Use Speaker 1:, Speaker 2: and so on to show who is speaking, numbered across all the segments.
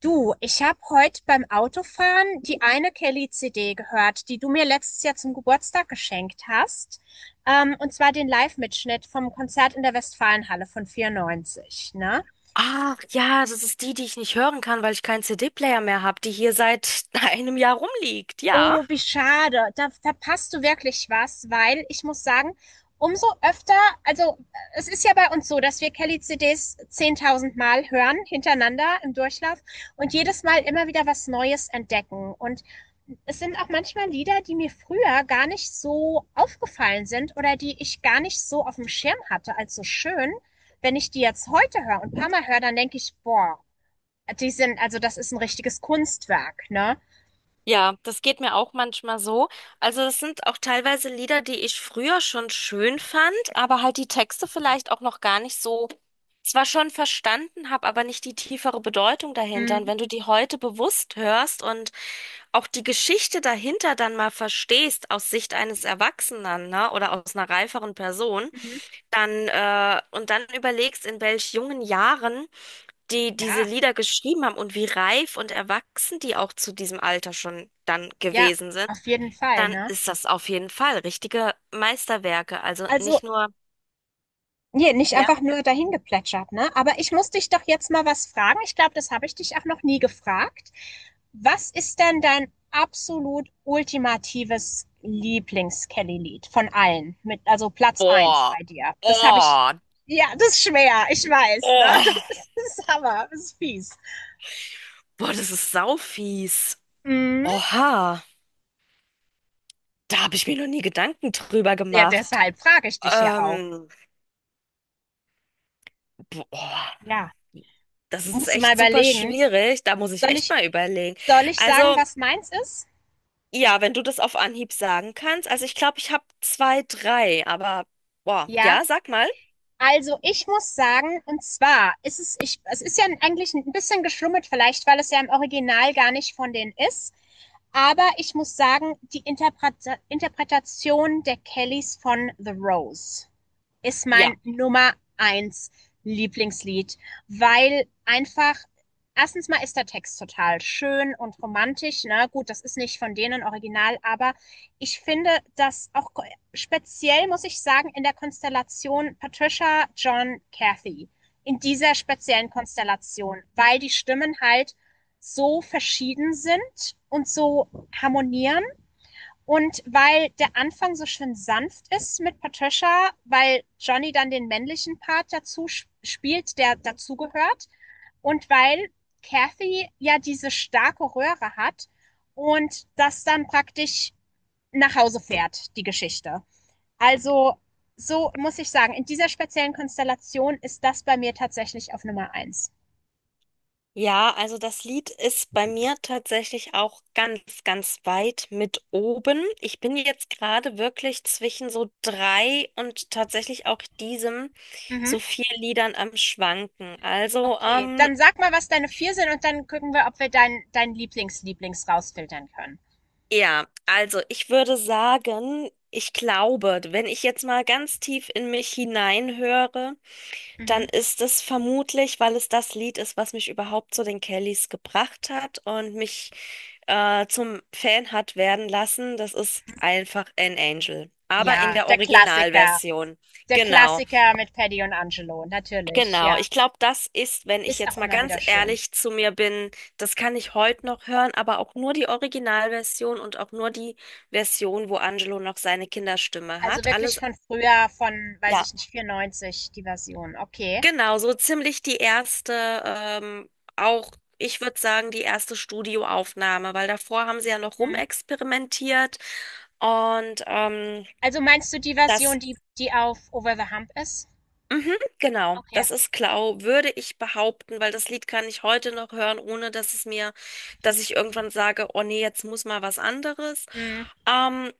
Speaker 1: Du, ich habe heute beim Autofahren die eine Kelly CD gehört, die du mir letztes Jahr zum Geburtstag geschenkt hast. Und zwar den Live-Mitschnitt vom Konzert in der Westfalenhalle von 94, ne?
Speaker 2: Ach ja, das ist die, die ich nicht hören kann, weil ich keinen CD-Player mehr habe, die hier seit einem Jahr rumliegt. Ja.
Speaker 1: Oh, wie schade. Da verpasst du wirklich was, weil ich muss sagen, umso öfter, also es ist ja bei uns so, dass wir Kelly-CDs 10.000 Mal hören, hintereinander im Durchlauf und jedes Mal
Speaker 2: Mhm.
Speaker 1: immer wieder was Neues entdecken. Und es sind auch manchmal Lieder, die mir früher gar nicht so aufgefallen sind oder die ich gar nicht so auf dem Schirm hatte als so schön. Wenn ich die jetzt heute höre und ein paar Mal höre, dann denke ich, boah, also das ist ein richtiges Kunstwerk, ne?
Speaker 2: Ja, das geht mir auch manchmal so. Also das sind auch teilweise Lieder, die ich früher schon schön fand, aber halt die Texte vielleicht auch noch gar nicht so, zwar schon verstanden habe, aber nicht die tiefere Bedeutung dahinter. Und
Speaker 1: Mhm.
Speaker 2: wenn du die heute bewusst hörst und auch die Geschichte dahinter dann mal verstehst aus Sicht eines Erwachsenen, ne, oder aus einer reiferen Person, dann und dann überlegst, in welch jungen Jahren die diese
Speaker 1: Ja.
Speaker 2: Lieder geschrieben haben und wie reif und erwachsen die auch zu diesem Alter schon dann
Speaker 1: Ja,
Speaker 2: gewesen sind,
Speaker 1: auf jeden Fall,
Speaker 2: dann
Speaker 1: ne?
Speaker 2: ist das auf jeden Fall richtige Meisterwerke. Also nicht
Speaker 1: Also,
Speaker 2: nur,
Speaker 1: nee, nicht
Speaker 2: ja,
Speaker 1: einfach nur dahin geplätschert, ne? Aber ich muss dich doch jetzt mal was fragen. Ich glaube, das habe ich dich auch noch nie gefragt. Was ist denn dein absolut ultimatives Lieblings-Kelly-Lied von allen? Also Platz eins
Speaker 2: boah,
Speaker 1: bei dir. Das habe ich.
Speaker 2: oh,
Speaker 1: Ja, das ist schwer, ich weiß, ne? Das
Speaker 2: oh,
Speaker 1: ist, das ist Hammer, das ist fies.
Speaker 2: boah, das ist saufies.
Speaker 1: Mhm.
Speaker 2: Oha, da habe ich mir noch nie Gedanken drüber
Speaker 1: Ja,
Speaker 2: gemacht.
Speaker 1: deshalb frage ich dich ja auch.
Speaker 2: Ähm, boah.
Speaker 1: Ja,
Speaker 2: Das ist
Speaker 1: musst du mal
Speaker 2: echt super
Speaker 1: überlegen.
Speaker 2: schwierig. Da muss ich
Speaker 1: Soll
Speaker 2: echt
Speaker 1: ich,
Speaker 2: mal überlegen.
Speaker 1: soll ich sagen,
Speaker 2: Also,
Speaker 1: was meins ist?
Speaker 2: ja, wenn du das auf Anhieb sagen kannst. Also ich glaube, ich habe zwei, drei, aber boah,
Speaker 1: Ja.
Speaker 2: ja, sag mal.
Speaker 1: Also, ich muss sagen, und zwar ist es, ich, es ist ja eigentlich ein bisschen geschlummert, vielleicht, weil es ja im Original gar nicht von denen ist. Aber ich muss sagen, die Interpretation der Kellys von The Rose ist
Speaker 2: Ja.
Speaker 1: mein Nummer eins Lieblingslied, weil einfach erstens mal ist der Text total schön und romantisch. Na gut, das ist nicht von denen original, aber ich finde, dass auch speziell, muss ich sagen, in der Konstellation Patricia, John, Kathy. In dieser speziellen Konstellation, weil die Stimmen halt so verschieden sind und so harmonieren und weil der Anfang so schön sanft ist mit Patricia, weil Johnny dann den männlichen Part dazu spielt, der dazugehört und weil Kathy ja diese starke Röhre hat und das dann praktisch nach Hause fährt, die Geschichte. Also, so muss ich sagen, in dieser speziellen Konstellation ist das bei mir tatsächlich auf Nummer eins.
Speaker 2: Ja, also das Lied ist bei mir tatsächlich auch ganz, ganz weit mit oben. Ich bin jetzt gerade wirklich zwischen so drei und tatsächlich auch diesem
Speaker 1: Mhm.
Speaker 2: so vier Liedern am Schwanken. Also,
Speaker 1: Okay, dann sag mal, was deine vier sind und dann gucken wir, ob wir dein Lieblings-Lieblings rausfiltern können.
Speaker 2: ja, also ich würde sagen, ich glaube, wenn ich jetzt mal ganz tief in mich hineinhöre, dann
Speaker 1: Mhm.
Speaker 2: ist es vermutlich, weil es das Lied ist, was mich überhaupt zu den Kellys gebracht hat und mich zum Fan hat werden lassen. Das ist einfach An Angel. Aber in
Speaker 1: Ja,
Speaker 2: der
Speaker 1: der Klassiker.
Speaker 2: Originalversion.
Speaker 1: Der
Speaker 2: Genau,
Speaker 1: Klassiker mit Paddy und Angelo, natürlich,
Speaker 2: genau.
Speaker 1: ja.
Speaker 2: Ich glaube, das ist, wenn ich
Speaker 1: Ist
Speaker 2: jetzt
Speaker 1: auch
Speaker 2: mal
Speaker 1: immer
Speaker 2: ganz
Speaker 1: wieder schön.
Speaker 2: ehrlich zu mir bin, das kann ich heute noch hören, aber auch nur die Originalversion und auch nur die Version, wo Angelo noch seine Kinderstimme
Speaker 1: Also
Speaker 2: hat.
Speaker 1: wirklich
Speaker 2: Alles.
Speaker 1: von früher, von, weiß
Speaker 2: Ja.
Speaker 1: ich nicht, 94, die Version. Okay.
Speaker 2: Genau, so ziemlich die erste, auch ich würde sagen, die erste Studioaufnahme, weil davor haben sie ja noch
Speaker 1: Mhm.
Speaker 2: rumexperimentiert und
Speaker 1: Also meinst du die Version,
Speaker 2: das,
Speaker 1: die auf Over the Hump ist?
Speaker 2: mhm, genau,
Speaker 1: Okay.
Speaker 2: das ist Klau, würde ich behaupten, weil das Lied kann ich heute noch hören, ohne dass es mir, dass ich irgendwann sage, oh nee, jetzt muss mal was anderes.
Speaker 1: Mhm.
Speaker 2: Ähm,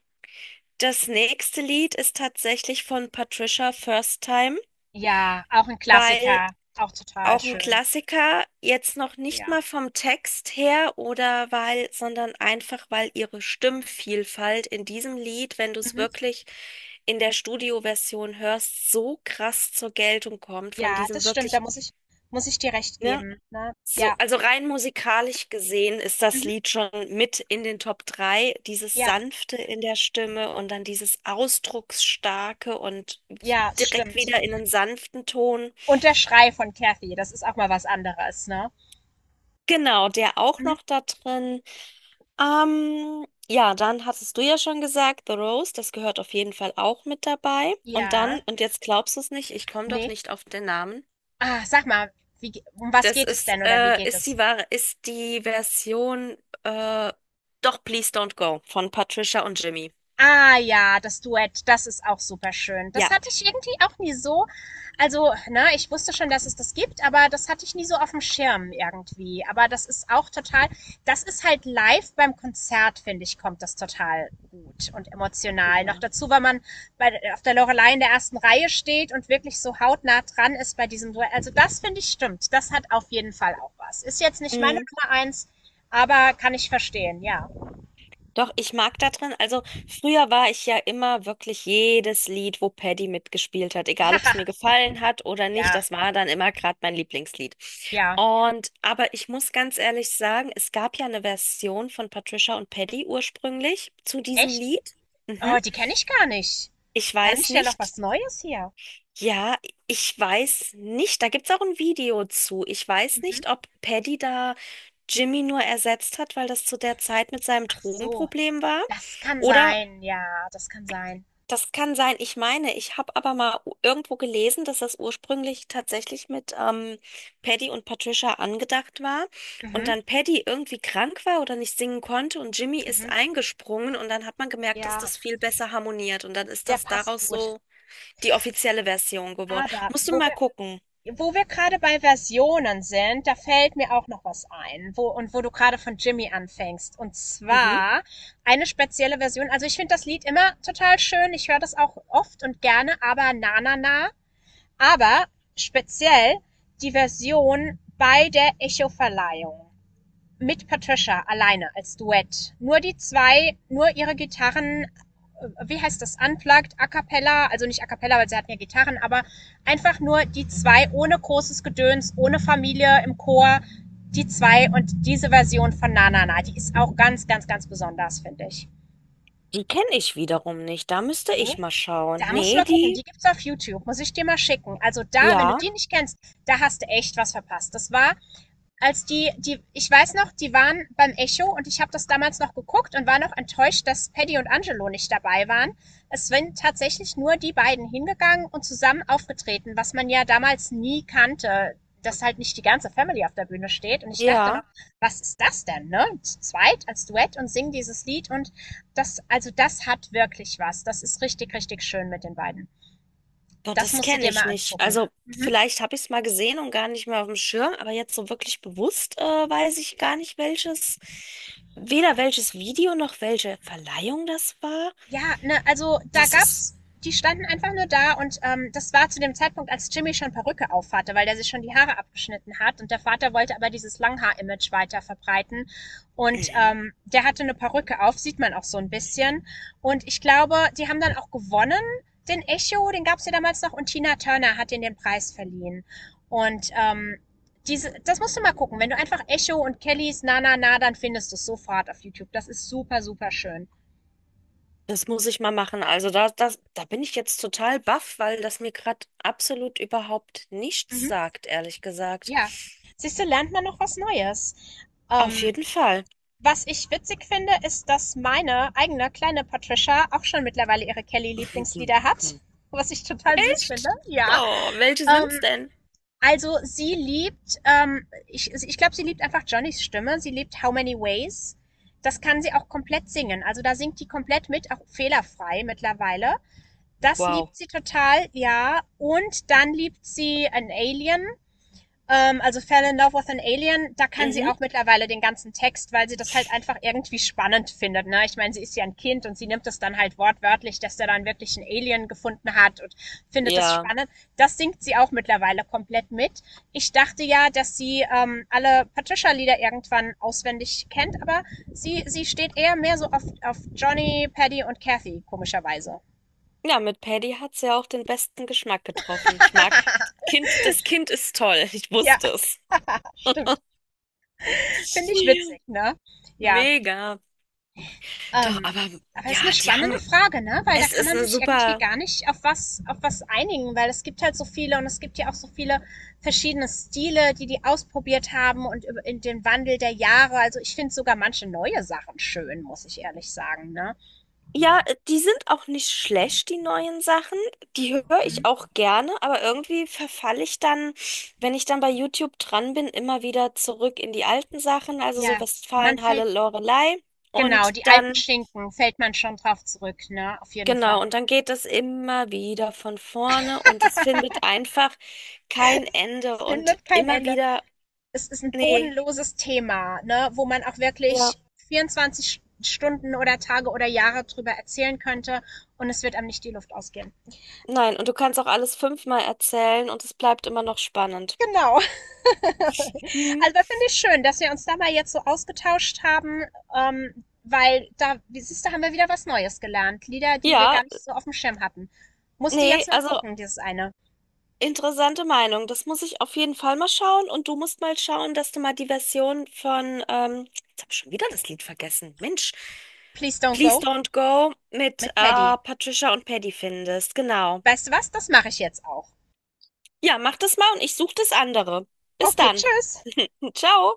Speaker 2: das nächste Lied ist tatsächlich von Patricia First Time.
Speaker 1: Ja, auch ein
Speaker 2: Weil
Speaker 1: Klassiker, auch total
Speaker 2: auch ein
Speaker 1: schön.
Speaker 2: Klassiker, jetzt noch nicht
Speaker 1: Ja.
Speaker 2: mal vom Text her oder weil, sondern einfach, weil ihre Stimmvielfalt in diesem Lied, wenn du es
Speaker 1: Mhm.
Speaker 2: wirklich in der Studioversion hörst, so krass zur Geltung kommt von
Speaker 1: Ja,
Speaker 2: diesem
Speaker 1: das stimmt, da
Speaker 2: wirklich,
Speaker 1: muss ich dir recht
Speaker 2: ne?
Speaker 1: geben, ne?
Speaker 2: So,
Speaker 1: Ja.
Speaker 2: also rein musikalisch gesehen ist das
Speaker 1: Mhm.
Speaker 2: Lied schon mit in den Top 3. Dieses
Speaker 1: Ja,
Speaker 2: Sanfte in der Stimme und dann dieses Ausdrucksstarke und
Speaker 1: ja, es
Speaker 2: direkt
Speaker 1: stimmt.
Speaker 2: wieder in einen sanften Ton.
Speaker 1: Und der Schrei von Kathy, das ist auch mal was anderes, ne?
Speaker 2: Genau, der auch
Speaker 1: Mhm.
Speaker 2: noch da drin. Ja, dann hattest du ja schon gesagt, The Rose, das gehört auf jeden Fall auch mit dabei. Und dann,
Speaker 1: Ja.
Speaker 2: und jetzt glaubst du es nicht, ich komme doch
Speaker 1: Nee.
Speaker 2: nicht auf den Namen.
Speaker 1: Ah, sag mal, wie ge um was
Speaker 2: Das
Speaker 1: geht es
Speaker 2: ist,
Speaker 1: denn oder wie geht
Speaker 2: ist
Speaker 1: es?
Speaker 2: die wahre, ist die Version, äh, doch Please Don't Go von Patricia und Jimmy.
Speaker 1: Ah ja, das Duett, das ist auch super schön. Das
Speaker 2: Ja.
Speaker 1: hatte ich irgendwie auch nie so. Also, ne, ich wusste schon, dass es das gibt, aber das hatte ich nie so auf dem Schirm irgendwie. Aber das ist halt live beim Konzert, finde ich, kommt das total gut und emotional. Noch
Speaker 2: Ja.
Speaker 1: dazu, weil man auf der Loreley in der ersten Reihe steht und wirklich so hautnah dran ist bei diesem Duett. Also das finde ich stimmt. Das hat auf jeden Fall auch was. Ist jetzt nicht meine Nummer eins, aber kann ich verstehen, ja.
Speaker 2: Doch, ich mag da drin, also früher war ich ja immer wirklich jedes Lied, wo Paddy mitgespielt hat, egal ob es mir gefallen hat oder nicht,
Speaker 1: Ja,
Speaker 2: das war dann immer gerade mein Lieblingslied.
Speaker 1: ja.
Speaker 2: Und, aber ich muss ganz ehrlich sagen, es gab ja eine Version von Patricia und Paddy ursprünglich zu diesem
Speaker 1: Echt?
Speaker 2: Lied. Mhm.
Speaker 1: Oh, die kenne ich gar nicht.
Speaker 2: Ich
Speaker 1: Lerne
Speaker 2: weiß
Speaker 1: ich ja noch
Speaker 2: nicht,
Speaker 1: was Neues hier.
Speaker 2: ja, ich weiß nicht, da gibt's auch ein Video zu. Ich weiß
Speaker 1: Mhm.
Speaker 2: nicht, ob Paddy da Jimmy nur ersetzt hat, weil das zu der Zeit mit seinem
Speaker 1: Ach so,
Speaker 2: Drogenproblem war.
Speaker 1: das kann
Speaker 2: Oder
Speaker 1: sein. Ja, das kann sein.
Speaker 2: das kann sein. Ich meine, ich habe aber mal irgendwo gelesen, dass das ursprünglich tatsächlich mit Paddy und Patricia angedacht war und
Speaker 1: Mhm.
Speaker 2: dann Paddy irgendwie krank war oder nicht singen konnte und Jimmy ist
Speaker 1: Mhm.
Speaker 2: eingesprungen und dann hat man gemerkt, dass
Speaker 1: Ja,
Speaker 2: das viel besser harmoniert und dann ist
Speaker 1: der
Speaker 2: das
Speaker 1: passt
Speaker 2: daraus
Speaker 1: gut.
Speaker 2: so die offizielle Version geworden.
Speaker 1: Aber
Speaker 2: Musst du
Speaker 1: wo
Speaker 2: mal
Speaker 1: wir,
Speaker 2: gucken.
Speaker 1: wo wir gerade bei Versionen sind, da fällt mir auch noch was ein. Und wo du gerade von Jimmy anfängst. Und
Speaker 2: Mhm.
Speaker 1: zwar eine spezielle Version. Also ich finde das Lied immer total schön. Ich höre das auch oft und gerne, aber na, na, na. Aber speziell die Version bei der Echo-Verleihung mit Patricia alleine als Duett. Nur die zwei, nur ihre Gitarren, wie heißt das, unplugged, a cappella, also nicht a cappella, weil sie hatten ja Gitarren, aber einfach nur die zwei ohne großes Gedöns, ohne Familie im Chor, die zwei und diese Version von Na Na Na, die ist auch ganz, ganz, ganz besonders, finde ich.
Speaker 2: Die kenne ich wiederum nicht. Da müsste ich
Speaker 1: Nee?
Speaker 2: mal schauen.
Speaker 1: Da musst du
Speaker 2: Nee,
Speaker 1: mal gucken,
Speaker 2: die.
Speaker 1: die gibt's auf YouTube, muss ich dir mal schicken. Also da, wenn du
Speaker 2: Ja,
Speaker 1: die nicht kennst, da hast du echt was verpasst. Das war als ich weiß noch, die waren beim Echo und ich habe das damals noch geguckt und war noch enttäuscht, dass Paddy und Angelo nicht dabei waren. Es sind tatsächlich nur die beiden hingegangen und zusammen aufgetreten, was man ja damals nie kannte, dass halt nicht die ganze Family auf der Bühne steht. Und ich dachte noch,
Speaker 2: ja.
Speaker 1: was ist das denn, ne? Zu zweit als Duett und singen dieses Lied und also das hat wirklich was. Das ist richtig, richtig schön mit den beiden.
Speaker 2: Boah,
Speaker 1: Das
Speaker 2: das
Speaker 1: musst du
Speaker 2: kenne
Speaker 1: dir
Speaker 2: ich
Speaker 1: mal
Speaker 2: nicht.
Speaker 1: angucken.
Speaker 2: Also
Speaker 1: Mhm.
Speaker 2: vielleicht habe ich es mal gesehen und gar nicht mehr auf dem Schirm, aber jetzt so wirklich bewusst weiß ich gar nicht, welches, weder welches Video noch welche Verleihung das war.
Speaker 1: Ja, ne, also da
Speaker 2: Das ist,
Speaker 1: gab's die standen einfach nur da und, das war zu dem Zeitpunkt, als Jimmy schon Perücke aufhatte, weil der sich schon die Haare abgeschnitten hat und der Vater wollte aber dieses Langhaar-Image weiter verbreiten und,
Speaker 2: mhm.
Speaker 1: der hatte eine Perücke auf, sieht man auch so ein bisschen und ich glaube, die haben dann auch gewonnen, den Echo, den gab's ja damals noch und Tina Turner hat ihnen den Preis verliehen und, diese das musst du mal gucken. Wenn du einfach Echo und Kellys „Na na na", dann findest du es sofort auf YouTube. Das ist super, super schön.
Speaker 2: Das muss ich mal machen. Also da, das, da bin ich jetzt total baff, weil das mir gerade absolut überhaupt nichts
Speaker 1: Mhm.
Speaker 2: sagt, ehrlich gesagt.
Speaker 1: Ja, siehst du, lernt man noch was Neues.
Speaker 2: Auf
Speaker 1: Ähm,
Speaker 2: jeden Fall.
Speaker 1: Was ich witzig finde, ist, dass meine eigene kleine Patricia auch schon mittlerweile ihre Kelly-Lieblingslieder hat, was ich total süß finde.
Speaker 2: Echt?
Speaker 1: Ja.
Speaker 2: Oh, welche sind's
Speaker 1: Ähm,
Speaker 2: denn?
Speaker 1: also ich glaube, sie liebt einfach Johnnys Stimme. Sie liebt How Many Ways. Das kann sie auch komplett singen. Also da singt die komplett mit, auch fehlerfrei mittlerweile. Das
Speaker 2: Wow.
Speaker 1: liebt sie total, ja. Und dann liebt sie an Alien. Also Fell in Love with an Alien, da kann sie
Speaker 2: Mhm.
Speaker 1: auch mittlerweile den ganzen Text, weil sie das halt einfach irgendwie spannend findet. Ne? Ich meine, sie ist ja ein Kind und sie nimmt das dann halt wortwörtlich, dass der dann wirklich einen Alien gefunden hat und findet das
Speaker 2: Ja.
Speaker 1: spannend. Das singt sie auch mittlerweile komplett mit. Ich dachte ja, dass sie alle Patricia-Lieder irgendwann auswendig kennt, aber sie steht eher mehr so auf, Johnny, Paddy und Kathy, komischerweise.
Speaker 2: Ja, mit Paddy hat's ja auch den besten Geschmack getroffen. Ich mag Kind, das Kind ist toll. Ich
Speaker 1: Ja,
Speaker 2: wusste es.
Speaker 1: stimmt. Finde ich
Speaker 2: Ja,
Speaker 1: witzig, ne? Ja.
Speaker 2: mega. Doch,
Speaker 1: Ähm,
Speaker 2: aber
Speaker 1: aber
Speaker 2: ja,
Speaker 1: ist eine
Speaker 2: die
Speaker 1: spannende
Speaker 2: haben,
Speaker 1: Frage, ne? Weil da
Speaker 2: es
Speaker 1: kann
Speaker 2: ist
Speaker 1: man
Speaker 2: eine
Speaker 1: sich irgendwie
Speaker 2: super.
Speaker 1: gar nicht auf was einigen, weil es gibt halt so viele und es gibt ja auch so viele verschiedene Stile, die die ausprobiert haben und in den Wandel der Jahre. Also ich finde sogar manche neue Sachen schön, muss ich ehrlich sagen, ne?
Speaker 2: Ja, die sind auch nicht schlecht, die neuen Sachen. Die höre ich
Speaker 1: Mhm.
Speaker 2: auch gerne, aber irgendwie verfalle ich dann, wenn ich dann bei YouTube dran bin, immer wieder zurück in die alten Sachen, also
Speaker 1: Ja,
Speaker 2: so
Speaker 1: man fällt,
Speaker 2: Westfalenhalle, Loreley.
Speaker 1: genau,
Speaker 2: Und
Speaker 1: die alten
Speaker 2: dann
Speaker 1: Schinken fällt man schon drauf zurück, ne? Auf jeden
Speaker 2: genau,
Speaker 1: Fall.
Speaker 2: und dann geht es immer wieder von vorne und es findet einfach kein Ende
Speaker 1: Es
Speaker 2: und
Speaker 1: findet kein
Speaker 2: immer
Speaker 1: Ende.
Speaker 2: wieder,
Speaker 1: Es ist ein
Speaker 2: nee,
Speaker 1: bodenloses Thema, ne, wo man auch
Speaker 2: ja,
Speaker 1: wirklich 24 Stunden oder Tage oder Jahre drüber erzählen könnte und es wird einem nicht die Luft ausgehen.
Speaker 2: nein, und du kannst auch alles 5-mal erzählen und es bleibt immer noch spannend.
Speaker 1: Genau.
Speaker 2: Hm.
Speaker 1: Also das finde ich schön, dass wir uns da mal jetzt so ausgetauscht haben, weil da, siehst du, haben wir wieder was Neues gelernt. Lieder, die wir
Speaker 2: Ja,
Speaker 1: gar nicht so auf dem Schirm hatten. Musste
Speaker 2: nee,
Speaker 1: jetzt mal
Speaker 2: also
Speaker 1: gucken, dieses eine.
Speaker 2: interessante Meinung. Das muss ich auf jeden Fall mal schauen und du musst mal schauen, dass du mal die Version von, jetzt habe ich schon wieder das Lied vergessen, Mensch,
Speaker 1: Please Don't
Speaker 2: Please
Speaker 1: Go
Speaker 2: Don't Go mit
Speaker 1: mit Paddy.
Speaker 2: Patricia und Paddy findest, genau.
Speaker 1: Weißt du was? Das mache ich jetzt auch.
Speaker 2: Ja, mach das mal und ich suche das andere. Bis
Speaker 1: Okay,
Speaker 2: dann.
Speaker 1: tschüss.
Speaker 2: Ciao.